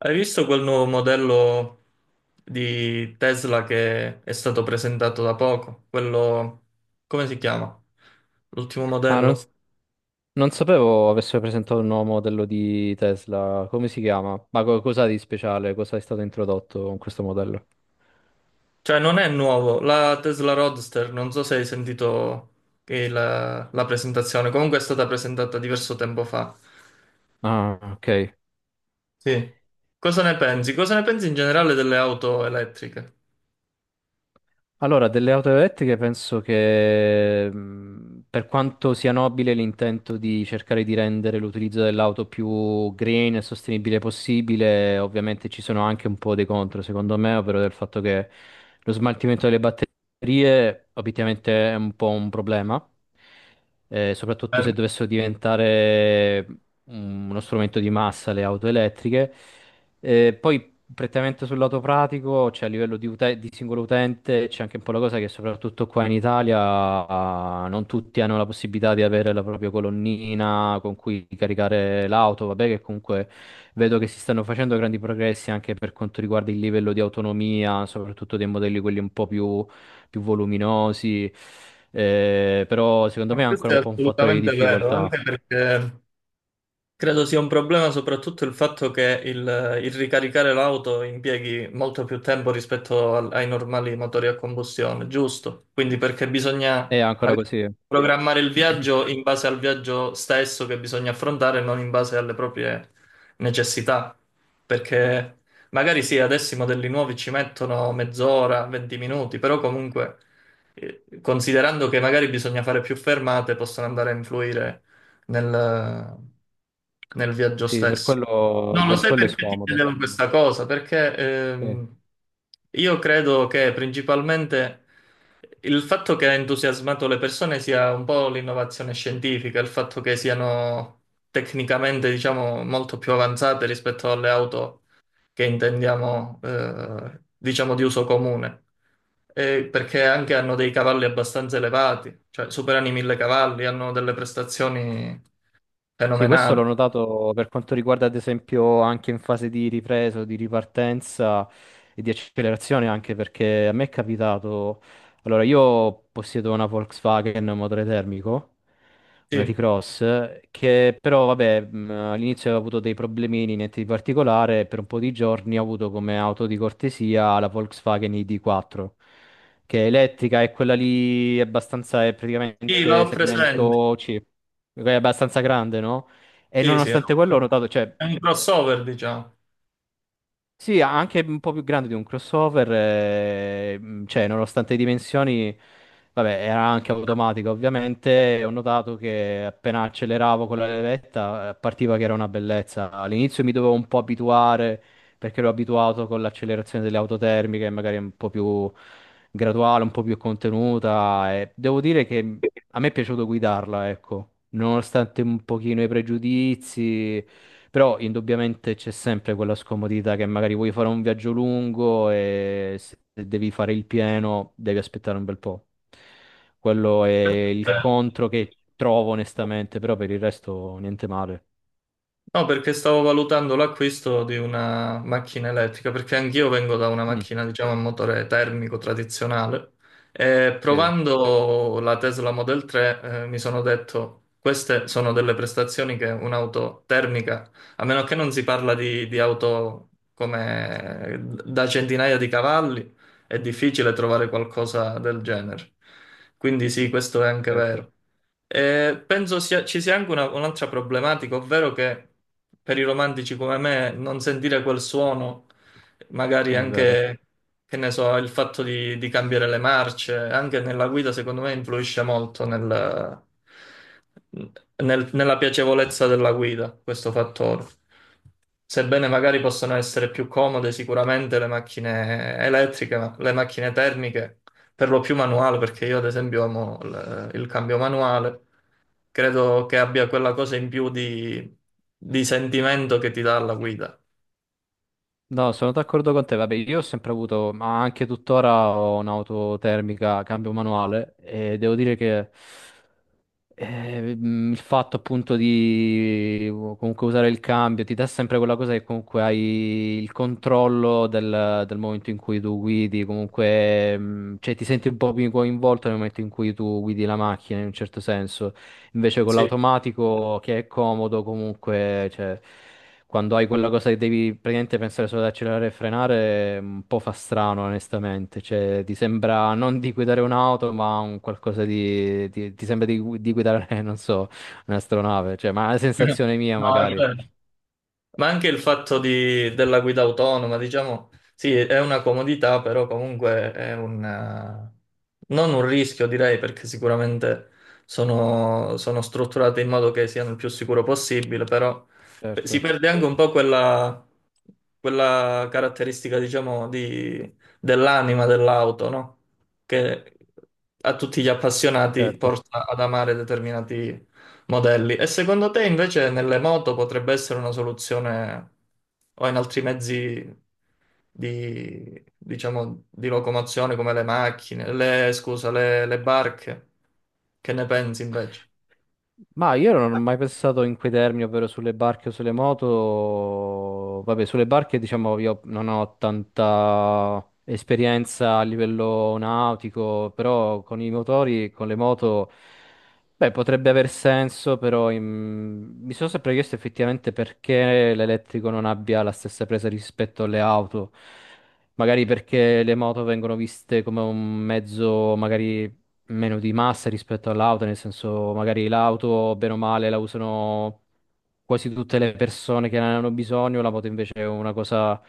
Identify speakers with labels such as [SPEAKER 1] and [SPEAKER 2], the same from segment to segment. [SPEAKER 1] Hai visto quel nuovo modello di Tesla che è stato presentato da poco? Quello, come si chiama? L'ultimo
[SPEAKER 2] Ah, non, s-
[SPEAKER 1] modello?
[SPEAKER 2] Non sapevo avesse presentato il nuovo modello di Tesla. Come si chiama? Ma cosa di speciale? Cosa è stato introdotto con questo modello?
[SPEAKER 1] Cioè, non è nuovo, la Tesla Roadster, non so se hai sentito che la presentazione, comunque è stata presentata diverso tempo fa.
[SPEAKER 2] Ah, ok.
[SPEAKER 1] Sì. Cosa ne pensi? Cosa ne pensi in generale delle auto elettriche?
[SPEAKER 2] Allora, delle auto elettriche penso che per quanto sia nobile l'intento di cercare di rendere l'utilizzo dell'auto più green e sostenibile possibile, ovviamente ci sono anche un po' dei contro, secondo me, ovvero del fatto che lo smaltimento delle batterie obiettivamente è un po' un problema, soprattutto
[SPEAKER 1] Eh,
[SPEAKER 2] se dovessero diventare uno strumento di massa le auto elettriche. Poi prettamente sul lato pratico, cioè a livello di, di singolo utente, c'è anche un po' la cosa che soprattutto qua in Italia non tutti hanno la possibilità di avere la propria colonnina con cui caricare l'auto, vabbè che comunque vedo che si stanno facendo grandi progressi anche per quanto riguarda il livello di autonomia, soprattutto dei modelli quelli un po' più, più voluminosi, però secondo me
[SPEAKER 1] no,
[SPEAKER 2] è ancora
[SPEAKER 1] questo è
[SPEAKER 2] un po' un fattore di
[SPEAKER 1] assolutamente vero,
[SPEAKER 2] difficoltà.
[SPEAKER 1] anche perché credo sia un problema soprattutto il fatto che il ricaricare l'auto impieghi molto più tempo rispetto ai normali motori a combustione, giusto? Quindi perché bisogna
[SPEAKER 2] È ancora
[SPEAKER 1] magari
[SPEAKER 2] così,
[SPEAKER 1] programmare il viaggio in base al viaggio stesso che bisogna affrontare, non in base alle proprie necessità. Perché magari sì, adesso i modelli nuovi ci mettono mezz'ora, 20 minuti, però comunque considerando che magari bisogna fare più fermate, possono andare a influire nel, nel viaggio
[SPEAKER 2] sì,
[SPEAKER 1] stesso. No, lo
[SPEAKER 2] per
[SPEAKER 1] sai
[SPEAKER 2] quello è
[SPEAKER 1] perché ti
[SPEAKER 2] scomodo.
[SPEAKER 1] chiedevo questa cosa? Perché
[SPEAKER 2] Sì.
[SPEAKER 1] ehm, io credo che principalmente il fatto che ha entusiasmato le persone sia un po' l'innovazione scientifica, il fatto che siano tecnicamente, diciamo, molto più avanzate rispetto alle auto che intendiamo, diciamo, di uso comune. E perché anche hanno dei cavalli abbastanza elevati, cioè superano i 1000 cavalli, hanno delle prestazioni
[SPEAKER 2] Sì, questo l'ho
[SPEAKER 1] fenomenale.
[SPEAKER 2] notato per quanto riguarda, ad esempio, anche in fase di ripresa, di ripartenza e di accelerazione, anche perché a me è capitato. Allora, io possiedo una Volkswagen motore termico, una
[SPEAKER 1] Sì,
[SPEAKER 2] T-Cross, che però, vabbè, all'inizio avevo avuto dei problemini, niente di particolare, e per un po' di giorni ho avuto come auto di cortesia la Volkswagen ID4. Che è elettrica e quella lì è abbastanza, è
[SPEAKER 1] sì, l'ho
[SPEAKER 2] praticamente
[SPEAKER 1] presente.
[SPEAKER 2] segmento C, è abbastanza grande, no? E
[SPEAKER 1] Sì, sì, è
[SPEAKER 2] nonostante quello ho notato, cioè,
[SPEAKER 1] un crossover, diciamo.
[SPEAKER 2] sì, anche un po' più grande di un crossover, cioè nonostante le dimensioni, vabbè, era anche automatica ovviamente, e ho notato che appena acceleravo con la levetta partiva che era una bellezza. All'inizio mi dovevo un po' abituare perché ero abituato con l'accelerazione delle auto termiche, magari un po' più graduale, un po' più contenuta, e devo dire che a me è piaciuto guidarla, ecco, nonostante un pochino i pregiudizi. Però indubbiamente c'è sempre quella scomodità che magari vuoi fare un viaggio lungo e se devi fare il pieno devi aspettare un bel po'. Quello è il contro che trovo onestamente, però per il resto niente male.
[SPEAKER 1] No, perché stavo valutando l'acquisto di una macchina elettrica, perché anch'io vengo da una
[SPEAKER 2] Mm,
[SPEAKER 1] macchina, diciamo, a motore termico tradizionale e
[SPEAKER 2] sì,
[SPEAKER 1] provando la Tesla Model 3, mi sono detto, queste sono delle prestazioni che un'auto termica, a meno che non si parla di auto come da centinaia di cavalli, è difficile trovare qualcosa del genere. Quindi sì, questo è anche
[SPEAKER 2] certo.
[SPEAKER 1] vero. Ci sia anche un'altra problematica, ovvero che per i romantici come me non sentire quel suono, magari
[SPEAKER 2] È vero.
[SPEAKER 1] anche, che ne so, il fatto di cambiare le marce, anche nella guida, secondo me influisce molto nella piacevolezza della guida, questo fattore. Sebbene magari possano essere più comode sicuramente le macchine elettriche, ma le macchine termiche, per lo più manuale, perché io ad esempio amo il cambio manuale credo che abbia quella cosa in più di sentimento che ti dà la guida.
[SPEAKER 2] No, sono d'accordo con te. Vabbè, io ho sempre avuto, ma anche tuttora ho un'auto termica, cambio manuale e devo dire che il fatto appunto di comunque usare il cambio ti dà sempre quella cosa che comunque hai il controllo del, del momento in cui tu guidi, comunque cioè, ti senti un po' più coinvolto nel momento in cui tu guidi la macchina in un certo senso. Invece con
[SPEAKER 1] Sì.
[SPEAKER 2] l'automatico che è comodo comunque, cioè, quando hai quella cosa che devi praticamente pensare solo ad accelerare e frenare, è un po' fa strano onestamente, cioè ti sembra non di guidare un'auto ma un qualcosa di, ti sembra di, di guidare, non so, un'astronave, cioè, ma è una sensazione mia
[SPEAKER 1] No, è
[SPEAKER 2] magari.
[SPEAKER 1] vero. Ma anche il della guida autonoma, diciamo, sì, è una comodità, però comunque è un, non un rischio, direi, perché sicuramente sono strutturate in modo che siano il più sicuro possibile, però si
[SPEAKER 2] Certo,
[SPEAKER 1] perde anche un po' quella caratteristica, diciamo, dell'anima dell'auto, no? Che a tutti gli appassionati
[SPEAKER 2] certo.
[SPEAKER 1] porta ad amare determinati modelli. E secondo te invece nelle moto potrebbe essere una soluzione o in altri mezzi di, diciamo, di locomozione come le macchine, le, scusa, le barche? Che ne pensi invece?
[SPEAKER 2] Ma io non ho mai pensato in quei termini, ovvero sulle barche o sulle moto. Vabbè, sulle barche, diciamo, io non ho tanta esperienza a livello nautico, però con i motori, con le moto, beh, potrebbe aver senso, però mi sono sempre chiesto effettivamente perché l'elettrico non abbia la stessa presa rispetto alle auto. Magari perché le moto vengono viste come un mezzo, magari meno di massa rispetto all'auto, nel senso magari l'auto, bene o male, la usano quasi tutte le persone che ne hanno bisogno, la moto invece è una cosa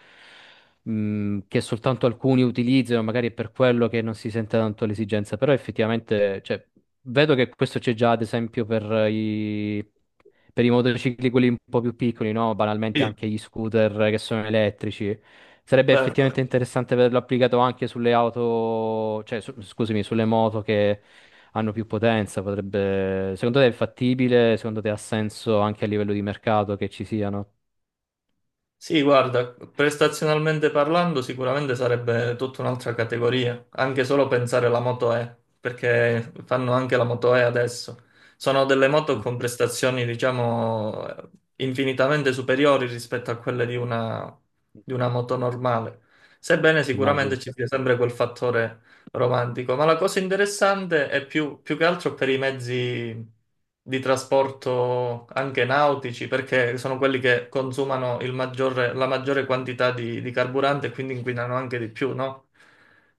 [SPEAKER 2] che soltanto alcuni utilizzano, magari è per quello che non si sente tanto l'esigenza, però effettivamente, cioè, vedo che questo c'è già, ad esempio, i, per i motocicli, quelli un po' più piccoli, no? Banalmente
[SPEAKER 1] Sì.
[SPEAKER 2] anche gli scooter che sono elettrici. Sarebbe
[SPEAKER 1] Vero?
[SPEAKER 2] effettivamente interessante vederlo applicato anche sulle auto, cioè, scusami, sulle moto che hanno più potenza. Potrebbe... Secondo te è fattibile? Secondo te ha senso anche a livello di mercato che ci siano?
[SPEAKER 1] Sì, guarda, prestazionalmente parlando, sicuramente sarebbe tutta un'altra categoria, anche solo pensare alla Moto E, perché fanno anche la Moto E adesso. Sono delle moto
[SPEAKER 2] Mm.
[SPEAKER 1] con prestazioni, diciamo, infinitamente superiori rispetto a quelle di una moto normale. Sebbene
[SPEAKER 2] Immagino.
[SPEAKER 1] sicuramente ci sia sempre quel fattore romantico, ma la cosa interessante è più, più che altro per i mezzi di trasporto anche nautici, perché sono quelli che consumano la maggiore quantità di carburante e quindi inquinano anche di più, no?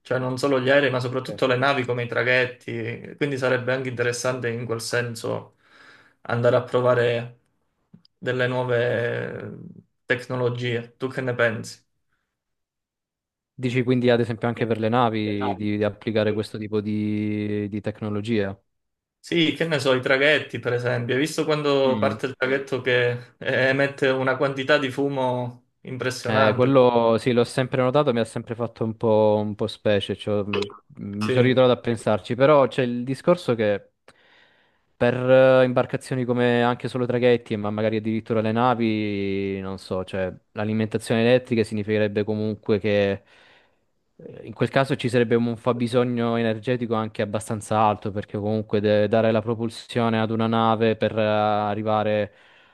[SPEAKER 1] Cioè non solo gli aerei, ma soprattutto le navi come i traghetti, quindi sarebbe anche interessante in quel senso andare a provare delle nuove tecnologie. Tu che ne pensi?
[SPEAKER 2] Dici quindi ad esempio anche per le navi di applicare questo tipo di tecnologia?
[SPEAKER 1] Sì, che ne so, i traghetti, per esempio. Hai visto quando
[SPEAKER 2] Mm.
[SPEAKER 1] parte il traghetto che emette una quantità di fumo impressionante?
[SPEAKER 2] Quello sì, l'ho sempre notato, mi ha sempre fatto un po' specie, cioè, mi sono
[SPEAKER 1] Sì.
[SPEAKER 2] ritrovato a pensarci, però c'è il discorso che per imbarcazioni come anche solo traghetti, ma magari addirittura le navi, non so, cioè l'alimentazione elettrica significherebbe comunque che in quel caso ci sarebbe un fabbisogno energetico anche abbastanza alto, perché comunque dare la propulsione ad una nave per arrivare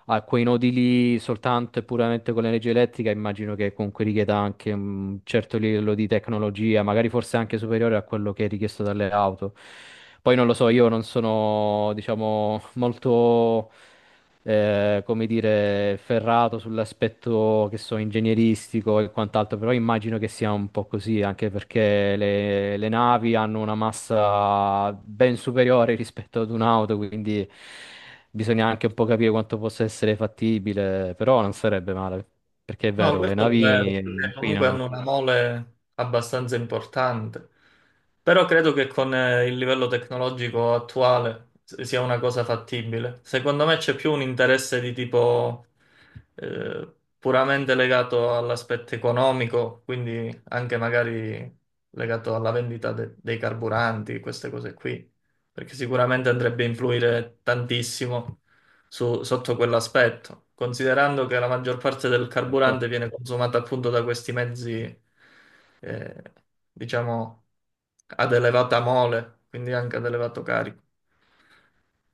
[SPEAKER 2] a quei nodi lì soltanto e puramente con l'energia elettrica, immagino che comunque richieda anche un certo livello di tecnologia, magari forse anche superiore a quello che è richiesto dalle auto. Poi non lo so, io non sono, diciamo, molto come dire, ferrato sull'aspetto che so, ingegneristico e quant'altro, però immagino che sia un po' così, anche perché le navi hanno una massa ben superiore rispetto ad un'auto, quindi bisogna anche un po' capire quanto possa essere fattibile, però non sarebbe male, perché è
[SPEAKER 1] No, e
[SPEAKER 2] vero, le
[SPEAKER 1] questo è quello vero,
[SPEAKER 2] navi
[SPEAKER 1] è perché comunque hanno
[SPEAKER 2] inquinano,
[SPEAKER 1] una mole abbastanza importante, però credo che con il livello tecnologico attuale sia una cosa fattibile. Secondo me c'è più un interesse di tipo puramente legato all'aspetto economico, quindi anche magari legato alla vendita dei carburanti, queste cose qui, perché sicuramente andrebbe a influire tantissimo sotto quell'aspetto, considerando che la maggior parte del
[SPEAKER 2] certo.
[SPEAKER 1] carburante viene consumata appunto da questi mezzi, eh, diciamo, ad elevata mole, quindi anche ad elevato carico.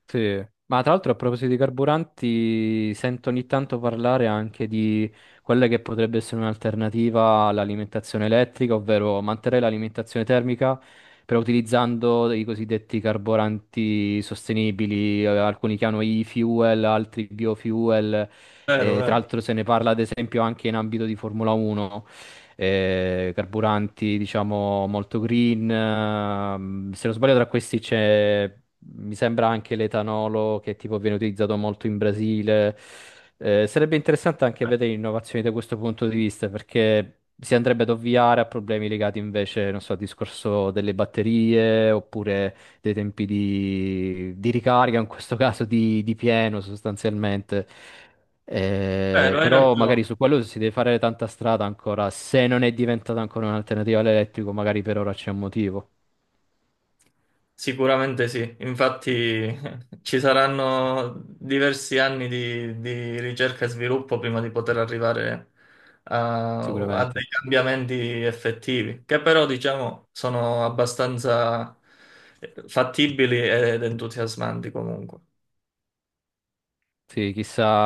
[SPEAKER 2] Sì, ma tra l'altro a proposito di carburanti, sento ogni tanto parlare anche di quella che potrebbe essere un'alternativa all'alimentazione elettrica, ovvero mantenere l'alimentazione termica, però utilizzando i cosiddetti carburanti sostenibili, alcuni che hanno e-fuel, altri biofuel,
[SPEAKER 1] Vero,
[SPEAKER 2] e tra
[SPEAKER 1] vero,
[SPEAKER 2] l'altro se ne parla ad esempio anche in ambito di Formula 1 carburanti, diciamo, molto green. Se non sbaglio, tra questi c'è, mi sembra anche l'etanolo che tipo viene utilizzato molto in Brasile. Sarebbe interessante anche vedere innovazioni da questo punto di vista, perché si andrebbe ad ovviare a problemi legati invece, non so, al discorso delle batterie oppure dei tempi di ricarica, in questo caso di pieno sostanzialmente.
[SPEAKER 1] vero, hai ragione.
[SPEAKER 2] Però magari su quello si deve fare tanta strada ancora. Se non è diventata ancora un'alternativa all'elettrico, magari per ora c'è un motivo,
[SPEAKER 1] Sicuramente sì, infatti ci saranno diversi anni di ricerca e sviluppo prima di poter arrivare a, a
[SPEAKER 2] sicuramente.
[SPEAKER 1] dei cambiamenti effettivi, che però diciamo sono abbastanza fattibili ed entusiasmanti comunque.
[SPEAKER 2] Sì, chissà